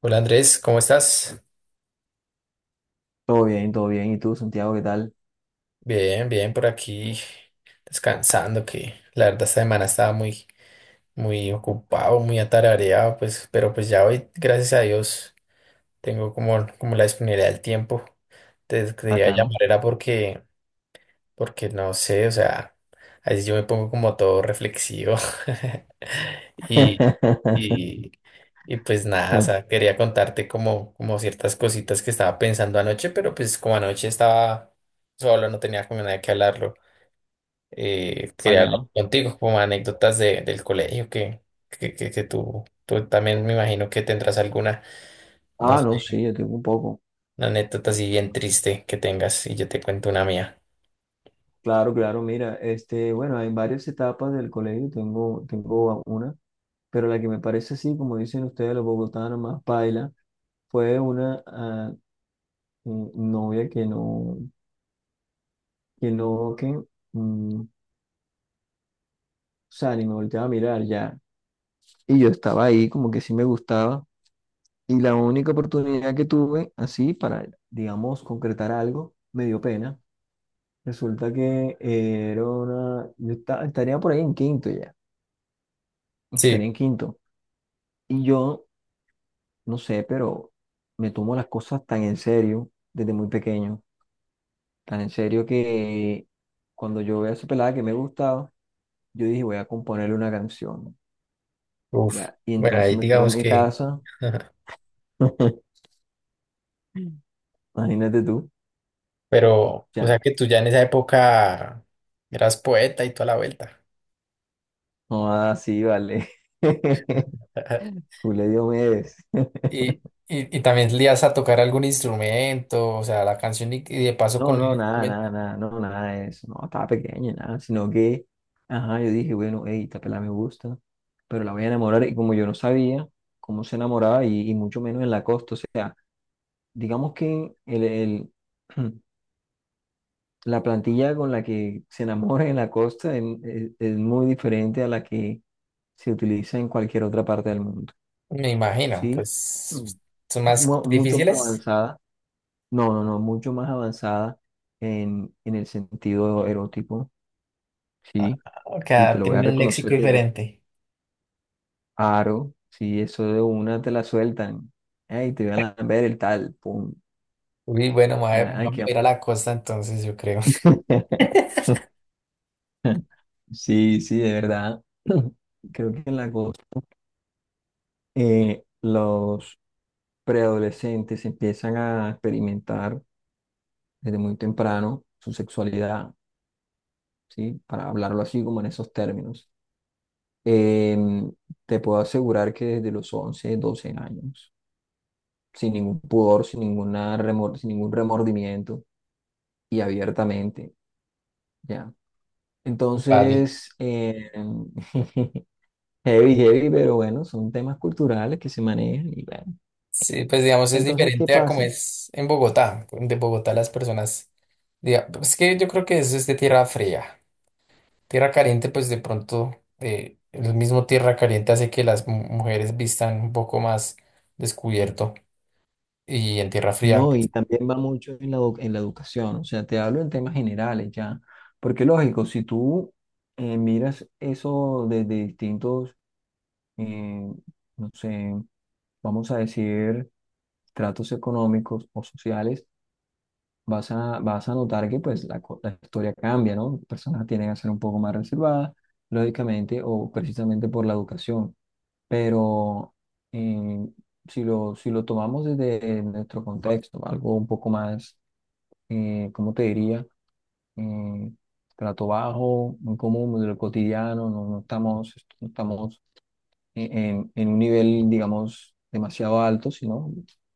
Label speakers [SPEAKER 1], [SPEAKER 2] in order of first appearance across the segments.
[SPEAKER 1] Hola Andrés, ¿cómo estás?
[SPEAKER 2] Todo bien, todo bien. ¿Y tú, Santiago, qué tal?
[SPEAKER 1] Bien, bien, por aquí descansando, que la verdad esta semana estaba muy ocupado, muy atareado, pues, pero pues ya hoy, gracias a Dios, tengo como la disponibilidad del tiempo. Te quería
[SPEAKER 2] Bacano.
[SPEAKER 1] llamar era porque, porque no sé, o sea, a veces yo me pongo como todo reflexivo y, y, Y pues nada, o sea, quería contarte como ciertas cositas que estaba pensando anoche, pero pues como anoche estaba solo, no tenía con nadie que hablarlo. Quería hablar
[SPEAKER 2] Bacano.
[SPEAKER 1] contigo como anécdotas de, del colegio que, que tú también me imagino que tendrás alguna, no
[SPEAKER 2] Ah,
[SPEAKER 1] sé,
[SPEAKER 2] no, sí, yo tengo un poco.
[SPEAKER 1] una anécdota así bien triste que tengas y yo te cuento una mía.
[SPEAKER 2] Claro, claro, mira, este, bueno, hay varias etapas del colegio, tengo una, pero la que me parece así, como dicen ustedes los bogotanos, más paila, fue una novia que no, que no, que, o sea, ni me volteaba a mirar ya. Y yo estaba ahí, como que sí me gustaba, y la única oportunidad que tuve, así, para, digamos, concretar algo, me dio pena. Resulta que yo estaría por ahí en quinto ya. Estaría
[SPEAKER 1] Sí,
[SPEAKER 2] en quinto. Y yo, no sé, pero me tomo las cosas tan en serio, desde muy pequeño, tan en serio que cuando yo veía a esa pelada que me gustaba, yo dije, voy a componerle una canción.
[SPEAKER 1] uf,
[SPEAKER 2] Ya. Y
[SPEAKER 1] bueno,
[SPEAKER 2] entonces
[SPEAKER 1] ahí
[SPEAKER 2] me fui a
[SPEAKER 1] digamos
[SPEAKER 2] mi
[SPEAKER 1] que,
[SPEAKER 2] casa. Imagínate tú.
[SPEAKER 1] pero, o sea
[SPEAKER 2] Ya.
[SPEAKER 1] que tú ya en esa época eras poeta y toda la vuelta.
[SPEAKER 2] No, así, vale. Julio Diomedes.
[SPEAKER 1] Y, y también le ibas a tocar algún instrumento, o sea, la canción y de paso con
[SPEAKER 2] No,
[SPEAKER 1] el
[SPEAKER 2] no, nada,
[SPEAKER 1] instrumento,
[SPEAKER 2] nada, nada, no, nada de eso, no, estaba pequeña, nada, sino que, ajá, yo dije, bueno, hey, esta pelada me gusta, pero la voy a enamorar, y como yo no sabía cómo se enamoraba, y mucho menos en la costa, o sea, digamos que la plantilla con la que se enamora en la costa es muy diferente a la que se utiliza en cualquier otra parte del mundo,
[SPEAKER 1] me imagino,
[SPEAKER 2] ¿sí?
[SPEAKER 1] pues
[SPEAKER 2] Mm.
[SPEAKER 1] son
[SPEAKER 2] Es
[SPEAKER 1] más co-
[SPEAKER 2] mucho más
[SPEAKER 1] difíciles.
[SPEAKER 2] avanzada, no, no, no, mucho más avanzada en el sentido erótico,
[SPEAKER 1] Ah,
[SPEAKER 2] ¿sí?
[SPEAKER 1] ok,
[SPEAKER 2] Y te lo voy a
[SPEAKER 1] tienen un léxico
[SPEAKER 2] reconocer desde
[SPEAKER 1] diferente.
[SPEAKER 2] aro. Si eso de una te la sueltan. Ay, te voy a ver el tal. Pum.
[SPEAKER 1] Uy, bueno, ma-
[SPEAKER 2] Ay,
[SPEAKER 1] vamos
[SPEAKER 2] qué
[SPEAKER 1] a ir
[SPEAKER 2] amor.
[SPEAKER 1] a la costa entonces, yo creo.
[SPEAKER 2] Sí, sí, de verdad. Creo que en la cosa, los preadolescentes empiezan a experimentar desde muy temprano su sexualidad, ¿sí? Para hablarlo así como en esos términos. Em, Te puedo asegurar que desde los 11 12 años, sin ningún pudor, sin ningún remordimiento, y abiertamente, ¿ya?
[SPEAKER 1] Vale.
[SPEAKER 2] Entonces, heavy, heavy, pero bueno, son temas culturales que se manejan y bueno.
[SPEAKER 1] Sí, pues digamos, es
[SPEAKER 2] Entonces, ¿qué
[SPEAKER 1] diferente a como
[SPEAKER 2] pasa?
[SPEAKER 1] es en Bogotá. De Bogotá las personas, diga- pues, es que yo creo que eso es de tierra fría. Tierra caliente, pues de pronto el mismo tierra caliente hace que las mu- mujeres vistan un poco más descubierto y en tierra fría,
[SPEAKER 2] No, y
[SPEAKER 1] pues,
[SPEAKER 2] también va mucho en la, en la educación, o sea, te hablo en temas generales ya, porque lógico, si tú miras eso desde distintos, eh, no sé, vamos a decir, tratos económicos o sociales, vas a notar que pues la, la historia cambia, ¿no? Personas tienen a ser un poco más reservadas, lógicamente, o precisamente por la educación. Pero eh, si lo tomamos desde nuestro contexto, algo un poco más, ¿cómo te diría? Eh, Trato bajo, muy común, de lo cotidiano, no, no estamos en un nivel, digamos, demasiado alto, sino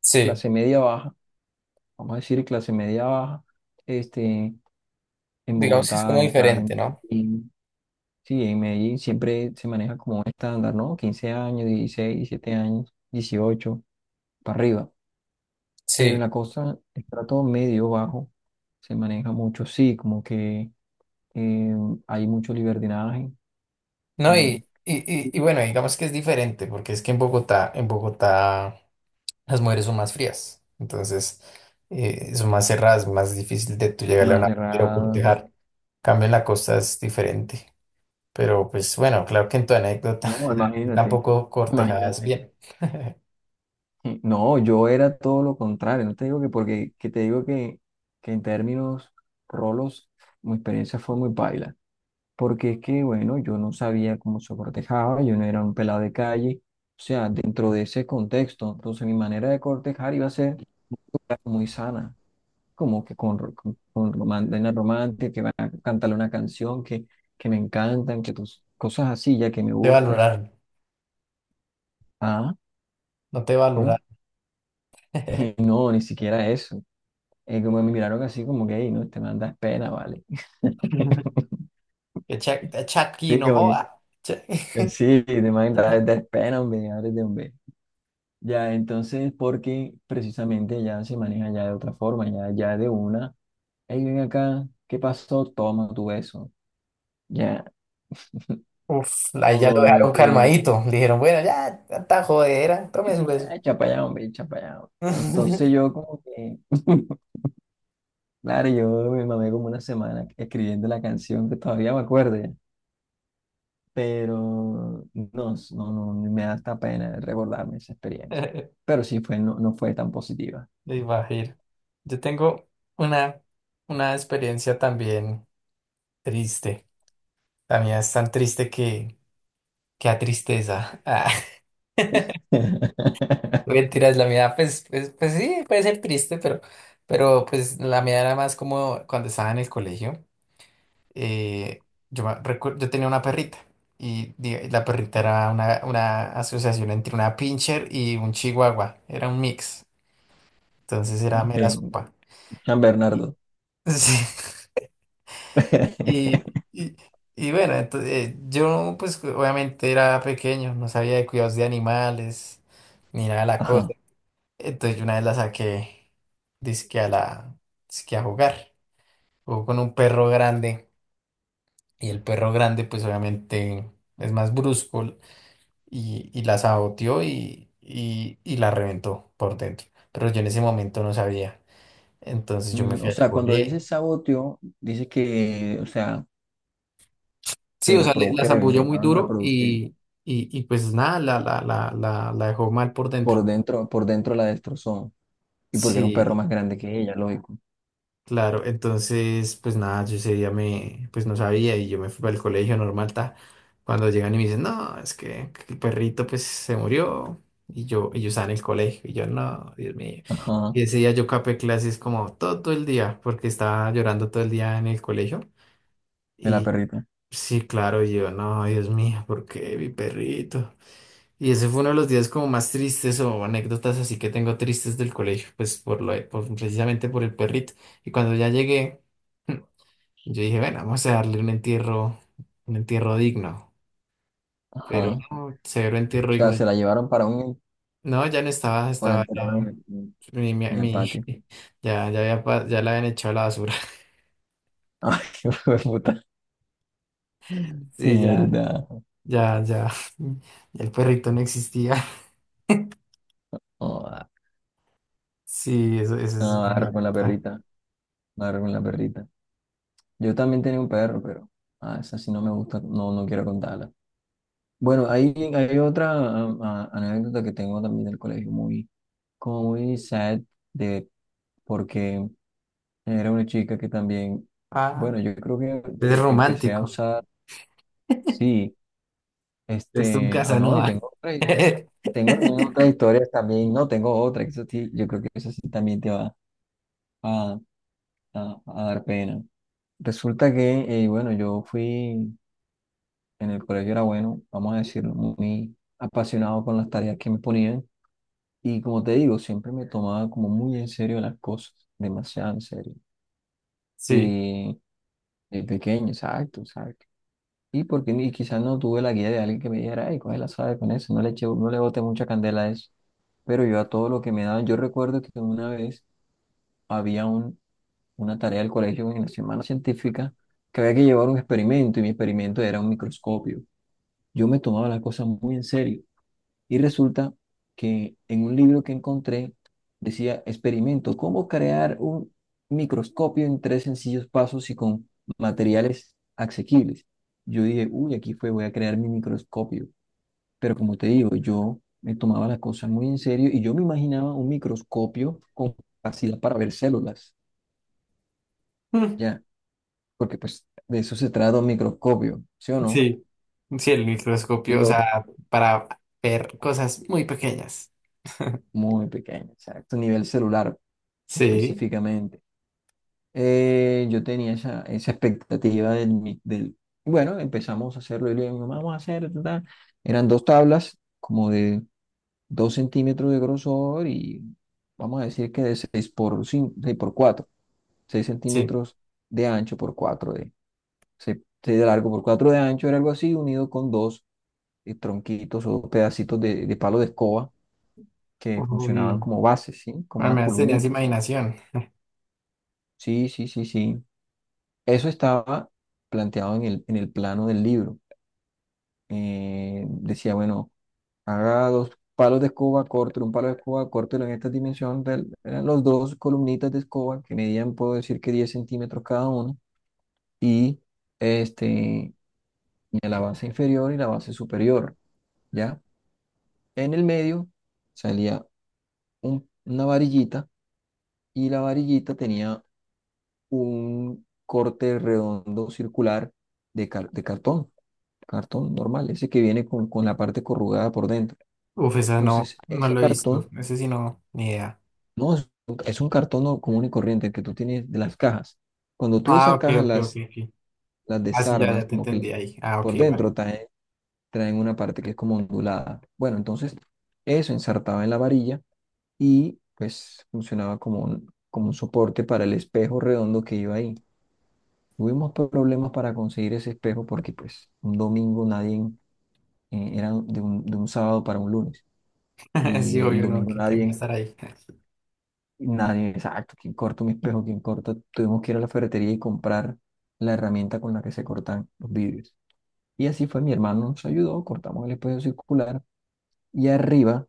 [SPEAKER 1] sí,
[SPEAKER 2] clase media baja, vamos a decir clase media baja, este, en
[SPEAKER 1] digamos que es
[SPEAKER 2] Bogotá,
[SPEAKER 1] como
[SPEAKER 2] en Cali, en
[SPEAKER 1] diferente, ¿no?
[SPEAKER 2] Medellín. Sí, en Medellín siempre se maneja como un estándar, ¿no? Quince años, 16 17 años, 18 para arriba. Pero en
[SPEAKER 1] Sí,
[SPEAKER 2] la costa, el trato medio bajo se maneja mucho, sí, como que eh, hay mucho libertinaje,
[SPEAKER 1] no,
[SPEAKER 2] eh,
[SPEAKER 1] y bueno, digamos que es diferente porque es que en Bogotá las mujeres son más frías, entonces son más cerradas, más difícil de tú llegarle a
[SPEAKER 2] más
[SPEAKER 1] una mujer o
[SPEAKER 2] cerradas.
[SPEAKER 1] cortejar. Cambio en la costa es diferente, pero pues bueno, claro que en tu anécdota
[SPEAKER 2] No,
[SPEAKER 1] tú
[SPEAKER 2] imagínate,
[SPEAKER 1] tampoco cortejadas
[SPEAKER 2] imagínate.
[SPEAKER 1] bien.
[SPEAKER 2] No, yo era todo lo contrario, no te digo que porque, que te digo que en términos rolos, mi experiencia fue muy paila. Porque es que, bueno, yo no sabía cómo se cortejaba, yo no era un pelado de calle, o sea, dentro de ese contexto, entonces mi manera de cortejar iba a ser muy sana, como que con romántica, romántica, que van a cantarle una canción que me encantan, que tus cosas así, ya que me
[SPEAKER 1] Te
[SPEAKER 2] gustas.
[SPEAKER 1] valoraron,
[SPEAKER 2] Ah,
[SPEAKER 1] no te
[SPEAKER 2] ¿cómo?
[SPEAKER 1] valoraron.
[SPEAKER 2] No, ni siquiera eso. Como me miraron así como que, "Ey, no, te mandas pena, ¿vale?
[SPEAKER 1] Que Chuck, Chucky
[SPEAKER 2] Sí,
[SPEAKER 1] no
[SPEAKER 2] como que,
[SPEAKER 1] joda. Ch-
[SPEAKER 2] sí, das pena, hombre, ábrete, hombre. Ya, entonces, porque precisamente ya se maneja ya de otra forma, ya, ya de una, hey, ven acá, ¿qué pasó? Toma tu beso, ya,
[SPEAKER 1] Uf, ahí ya lo
[SPEAKER 2] o
[SPEAKER 1] dejaron
[SPEAKER 2] que,
[SPEAKER 1] calmadito. Le dijeron, bueno, ya, tanta jodera,
[SPEAKER 2] que
[SPEAKER 1] tome su
[SPEAKER 2] sí, ya,
[SPEAKER 1] beso.
[SPEAKER 2] echa pa' allá, hombre, echa pa' allá, hombre. Entonces yo como que, claro, yo me mamé como una semana escribiendo la canción que todavía me acuerdo ya, pero no, no, no, me da hasta pena recordarme esa experiencia, pero sí fue, no, no fue tan positiva.
[SPEAKER 1] Me imagino. Yo tengo una, una experiencia también triste. La mía es tan triste que a tristeza. Ah. Mentiras, la mía, pues, pues sí, puede ser triste, pero pues la mía era más como cuando estaba en el colegio. eh, yo, me recu- yo tenía una perrita y di- la perrita era una asociación entre una pincher y un chihuahua, era un mix, entonces era
[SPEAKER 2] Ok,
[SPEAKER 1] mera sopa.
[SPEAKER 2] San
[SPEAKER 1] Y-
[SPEAKER 2] Bernardo.
[SPEAKER 1] sí, y- y bueno, entonces, yo pues obviamente era pequeño, no sabía de cuidados de animales, ni nada de la cosa.
[SPEAKER 2] Ajá.
[SPEAKER 1] Entonces yo una vez la saqué, dizque a la, dizque a jugar, jugó con un perro grande y el perro grande pues obviamente es más brusco, y la saboteó y, y la reventó por dentro. Pero yo en ese momento no sabía. Entonces yo me fui
[SPEAKER 2] O
[SPEAKER 1] al
[SPEAKER 2] sea, cuando
[SPEAKER 1] cole.
[SPEAKER 2] dices saboteo dices que, o sea,
[SPEAKER 1] Sí,
[SPEAKER 2] se
[SPEAKER 1] o sea, le- la
[SPEAKER 2] reprodujeron,
[SPEAKER 1] zambulló muy
[SPEAKER 2] intentaron
[SPEAKER 1] duro
[SPEAKER 2] reproducir
[SPEAKER 1] y pues nada, la dejó mal por dentro.
[SPEAKER 2] por dentro la destrozó. Y porque era un perro
[SPEAKER 1] Sí,
[SPEAKER 2] más grande que ella, lógico.
[SPEAKER 1] claro, entonces, pues nada, yo ese día me, pues no sabía y yo me fui para el colegio normal, ta. Cuando llegan y me dicen, no, es que el perrito pues se murió y yo estaba en el colegio y yo, no, Dios mío.
[SPEAKER 2] Ajá,
[SPEAKER 1] Y ese día yo capé clases como todo el día porque estaba llorando todo el día en el colegio
[SPEAKER 2] de la
[SPEAKER 1] y
[SPEAKER 2] perrita.
[SPEAKER 1] sí, claro, y yo, no, Dios mío, ¿por qué mi perrito? Y ese fue uno de los días como más tristes o anécdotas así que tengo tristes del colegio, pues por lo, de- por- precisamente por el perrito. Y cuando ya llegué, yo dije, bueno, vamos a darle un entierro digno.
[SPEAKER 2] Ajá.
[SPEAKER 1] Pero
[SPEAKER 2] O
[SPEAKER 1] no, cero entierro
[SPEAKER 2] sea,
[SPEAKER 1] digno.
[SPEAKER 2] se la llevaron para un,
[SPEAKER 1] No, ya no estaba,
[SPEAKER 2] o la
[SPEAKER 1] estaba ya,
[SPEAKER 2] enterraron en el,
[SPEAKER 1] mi, mi,
[SPEAKER 2] en el
[SPEAKER 1] mi-
[SPEAKER 2] patio.
[SPEAKER 1] ya, ya había, pa- ya la habían echado a la basura.
[SPEAKER 2] Ay, qué hijo de puta.
[SPEAKER 1] Sí, ya,
[SPEAKER 2] Mierda.
[SPEAKER 1] ya, ya, ya el perrito no existía.
[SPEAKER 2] Oh,
[SPEAKER 1] Sí, eso es
[SPEAKER 2] no,
[SPEAKER 1] mi
[SPEAKER 2] agarra con la
[SPEAKER 1] anécdota.
[SPEAKER 2] perrita. Agarra con la perrita. Yo también tenía un perro, pero esa sí no me gusta. No, no quiero contarla. Bueno, hay otra anécdota que tengo también del colegio, como muy sad, de, porque era una chica que también, bueno,
[SPEAKER 1] Ah,
[SPEAKER 2] yo creo que
[SPEAKER 1] es
[SPEAKER 2] desde que empecé a
[SPEAKER 1] romántico.
[SPEAKER 2] usar, sí,
[SPEAKER 1] Es un
[SPEAKER 2] este, no, y
[SPEAKER 1] Casanova.
[SPEAKER 2] tengo otras historias, tengo también otras historias también, no, tengo otra, que eso sí, yo creo que eso sí también te va a, a dar pena. Resulta que, bueno, en el colegio era bueno, vamos a decirlo, muy apasionado con las tareas que me ponían. Y como te digo, siempre me tomaba como muy en serio las cosas, demasiado en serio.
[SPEAKER 1] Sí,
[SPEAKER 2] Y de pequeño, exacto, exacto. Y porque quizás no tuve la guía de alguien que me dijera, ay, coge la sabe con eso, no le eche, no le bote mucha candela a eso. Pero yo a todo lo que me daban, yo recuerdo que una vez había una tarea del colegio en la semana científica que había que llevar un experimento y mi experimento era un microscopio. Yo me tomaba las cosas muy en serio. Y resulta que en un libro que encontré decía, experimento, cómo crear un microscopio en tres sencillos pasos y con materiales asequibles. Yo dije, uy, aquí fue, voy a crear mi microscopio. Pero como te digo, yo me tomaba las cosas muy en serio y yo me imaginaba un microscopio con capacidad para ver células,
[SPEAKER 1] mm,
[SPEAKER 2] ya, porque pues de eso se trata un microscopio, ¿sí o no?
[SPEAKER 1] sí, sí, el microscopio, o
[SPEAKER 2] Lo
[SPEAKER 1] sea, para ver cosas muy pequeñas.
[SPEAKER 2] muy pequeño, exacto, nivel celular
[SPEAKER 1] Sí,
[SPEAKER 2] específicamente. Yo tenía esa expectativa del, del... Bueno, empezamos a hacerlo y le digo, vamos a hacer... ta, ta". Eran dos tablas como de dos centímetros de grosor y vamos a decir que de 6 por 5 6 por 4 6
[SPEAKER 1] sí.
[SPEAKER 2] centímetros de ancho por 4 de, 6 de largo por 4 de ancho, era algo así, unido con dos tronquitos o pedacitos de palo de escoba que funcionaban
[SPEAKER 1] Uy,
[SPEAKER 2] como bases, ¿sí? Como
[SPEAKER 1] al
[SPEAKER 2] unas
[SPEAKER 1] menos tenías
[SPEAKER 2] columnitas, ¿sí?
[SPEAKER 1] imaginación.
[SPEAKER 2] Sí, sí, sí, sí. Eso estaba planteado en el plano del libro. Decía, bueno, haga dos palos de escoba, córtelo, un palo de escoba, córtelo en esta dimensión. Eran los dos columnitas de escoba que medían, puedo decir que 10 centímetros cada uno, y este, y la base inferior y la base superior, ¿ya? En el medio salía una varillita y la varillita tenía un corte redondo circular de, de cartón. Cartón normal, ese que viene con la parte corrugada por dentro.
[SPEAKER 1] Uf, esa no,
[SPEAKER 2] Entonces,
[SPEAKER 1] no
[SPEAKER 2] ese
[SPEAKER 1] lo he visto.
[SPEAKER 2] cartón
[SPEAKER 1] Ese sí no, ni idea.
[SPEAKER 2] no es, un es un cartón común y corriente, el que tú tienes de las cajas. Cuando tú
[SPEAKER 1] Ah,
[SPEAKER 2] esas
[SPEAKER 1] ok,
[SPEAKER 2] cajas
[SPEAKER 1] ok, ok,
[SPEAKER 2] las,
[SPEAKER 1] ok.
[SPEAKER 2] las
[SPEAKER 1] Ah, sí, ya,
[SPEAKER 2] desarmas,
[SPEAKER 1] ya te
[SPEAKER 2] como que
[SPEAKER 1] entendí ahí. Ah, ok,
[SPEAKER 2] por
[SPEAKER 1] vale.
[SPEAKER 2] dentro traen, traen una parte que es como ondulada. Bueno, entonces eso ensartaba en la varilla y pues funcionaba como un soporte para el espejo redondo que iba ahí. Tuvimos problemas para conseguir ese espejo porque pues un domingo nadie, era de un sábado para un lunes.
[SPEAKER 1] Sí,
[SPEAKER 2] Y el
[SPEAKER 1] obvio, no,
[SPEAKER 2] domingo
[SPEAKER 1] que quién va a
[SPEAKER 2] nadie,
[SPEAKER 1] estar ahí.
[SPEAKER 2] nadie, exacto, ¿quién corta un espejo? ¿Quién corta? Tuvimos que ir a la ferretería y comprar la herramienta con la que se cortan los vidrios. Y así fue, mi hermano nos ayudó, cortamos el espejo circular y arriba,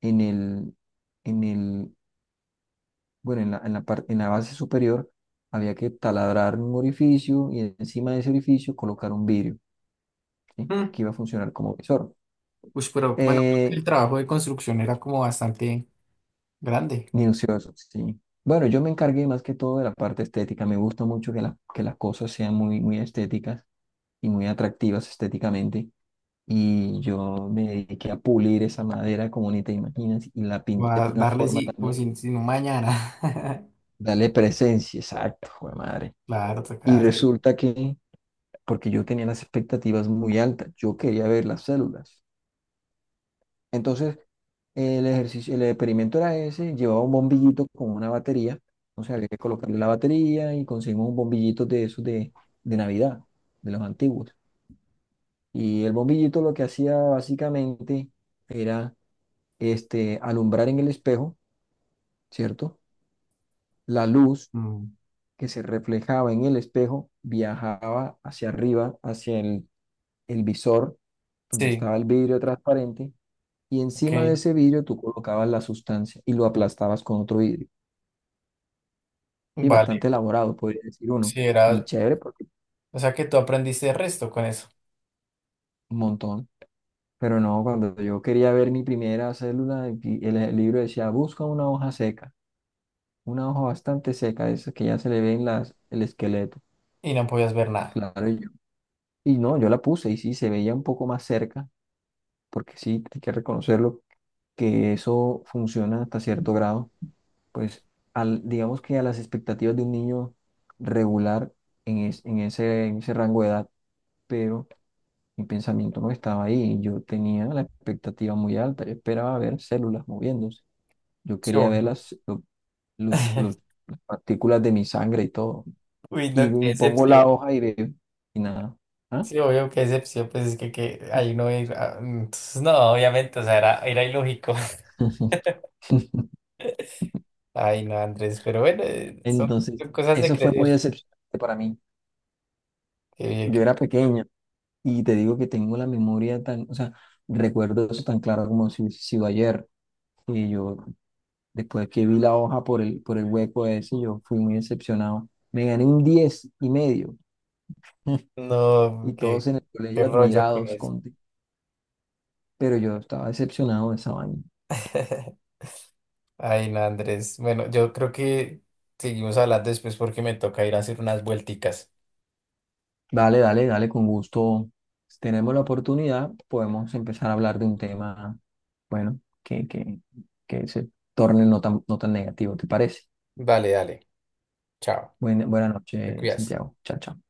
[SPEAKER 2] en el, en el, en la en la base superior, había que taladrar un orificio y encima de ese orificio colocar un vidrio, ¿sí?
[SPEAKER 1] Mm.
[SPEAKER 2] Que iba a funcionar como visor.
[SPEAKER 1] Ush, pero bueno, creo que
[SPEAKER 2] Eh,
[SPEAKER 1] el trabajo de construcción era como bastante grande.
[SPEAKER 2] Ni Minucioso, sí. Bueno, yo me encargué más que todo de la parte estética. Me gusta mucho que, que las cosas sean muy, muy estéticas y muy atractivas estéticamente. Y yo me dediqué a pulir esa madera como ni te imaginas y la
[SPEAKER 1] Va
[SPEAKER 2] pinté
[SPEAKER 1] a
[SPEAKER 2] de una
[SPEAKER 1] darle
[SPEAKER 2] forma
[SPEAKER 1] sí, como
[SPEAKER 2] también,
[SPEAKER 1] sin un mañana.
[SPEAKER 2] dale presencia, exacto, jue madre.
[SPEAKER 1] Claro,
[SPEAKER 2] Y
[SPEAKER 1] toca hacer.
[SPEAKER 2] resulta que, porque yo tenía las expectativas muy altas, yo quería ver las células. Entonces, el ejercicio, el experimento era ese, llevaba un bombillito con una batería, entonces había que colocarle la batería y conseguimos un bombillito de esos de Navidad, de los antiguos. Y el bombillito lo que hacía básicamente era este, alumbrar en el espejo, ¿cierto? La luz
[SPEAKER 1] Mm.
[SPEAKER 2] que se reflejaba en el espejo viajaba hacia arriba, hacia el visor, donde
[SPEAKER 1] Sí,
[SPEAKER 2] estaba el vidrio transparente, y
[SPEAKER 1] ok,
[SPEAKER 2] encima de ese vidrio tú colocabas la sustancia y lo aplastabas con otro vidrio. Sí,
[SPEAKER 1] vale.
[SPEAKER 2] bastante elaborado, podría decir uno.
[SPEAKER 1] Sí,
[SPEAKER 2] Y
[SPEAKER 1] era,
[SPEAKER 2] chévere, porque
[SPEAKER 1] o sea que tú aprendiste el resto con eso
[SPEAKER 2] un montón. Pero no, cuando yo quería ver mi primera célula, y el libro decía, busca una hoja seca, una hoja bastante seca, de esas que ya se le ven las, el esqueleto.
[SPEAKER 1] y no podías ver nada.
[SPEAKER 2] Claro, y no, yo la puse y sí, se veía un poco más cerca, porque sí, hay que reconocerlo, que eso funciona hasta cierto grado. Pues al, digamos que a las expectativas de un niño regular en ese rango de edad, pero mi pensamiento no estaba ahí. Yo tenía la expectativa muy alta. Yo esperaba ver células moviéndose. Yo
[SPEAKER 1] Sí,
[SPEAKER 2] quería ver
[SPEAKER 1] obvio.
[SPEAKER 2] las, lo- los- las partículas de mi sangre y todo.
[SPEAKER 1] Uy,
[SPEAKER 2] Y
[SPEAKER 1] no, qué
[SPEAKER 2] pongo la
[SPEAKER 1] excepción.
[SPEAKER 2] hoja y veo y nada. ¿Ah?
[SPEAKER 1] Sí, obvio, qué excepción, pues es que ahí no ir. Ah, entonces, no, obviamente, o sea, era, era ilógico. Ay, no, Andrés, pero bueno, son,
[SPEAKER 2] Entonces,
[SPEAKER 1] son cosas de
[SPEAKER 2] eso fue muy
[SPEAKER 1] crecer.
[SPEAKER 2] decepcionante para mí.
[SPEAKER 1] Qué bien,
[SPEAKER 2] Yo
[SPEAKER 1] qué-
[SPEAKER 2] era pequeña y te digo que tengo la memoria tan, o sea, recuerdo eso tan claro como si hubiese sido ayer. Y yo, después que vi la hoja por el hueco ese, yo fui muy decepcionado. Me gané un 10 y medio. Y
[SPEAKER 1] no, qué,
[SPEAKER 2] todos en el
[SPEAKER 1] qué
[SPEAKER 2] colegio
[SPEAKER 1] rollo con
[SPEAKER 2] admirados
[SPEAKER 1] eso.
[SPEAKER 2] contigo. Pero yo estaba decepcionado de esa vaina.
[SPEAKER 1] Ay, no, Andrés. Bueno, yo creo que seguimos hablando después porque me toca ir a hacer unas vuelticas.
[SPEAKER 2] Dale, dale, dale, con gusto. Si tenemos la oportunidad, podemos empezar a hablar de un tema, bueno, que se torne no tan, no tan negativo, ¿te parece?
[SPEAKER 1] Vale, dale. Chao.
[SPEAKER 2] Buena
[SPEAKER 1] Te
[SPEAKER 2] noche,
[SPEAKER 1] cuidas.
[SPEAKER 2] Santiago. Chao, chao.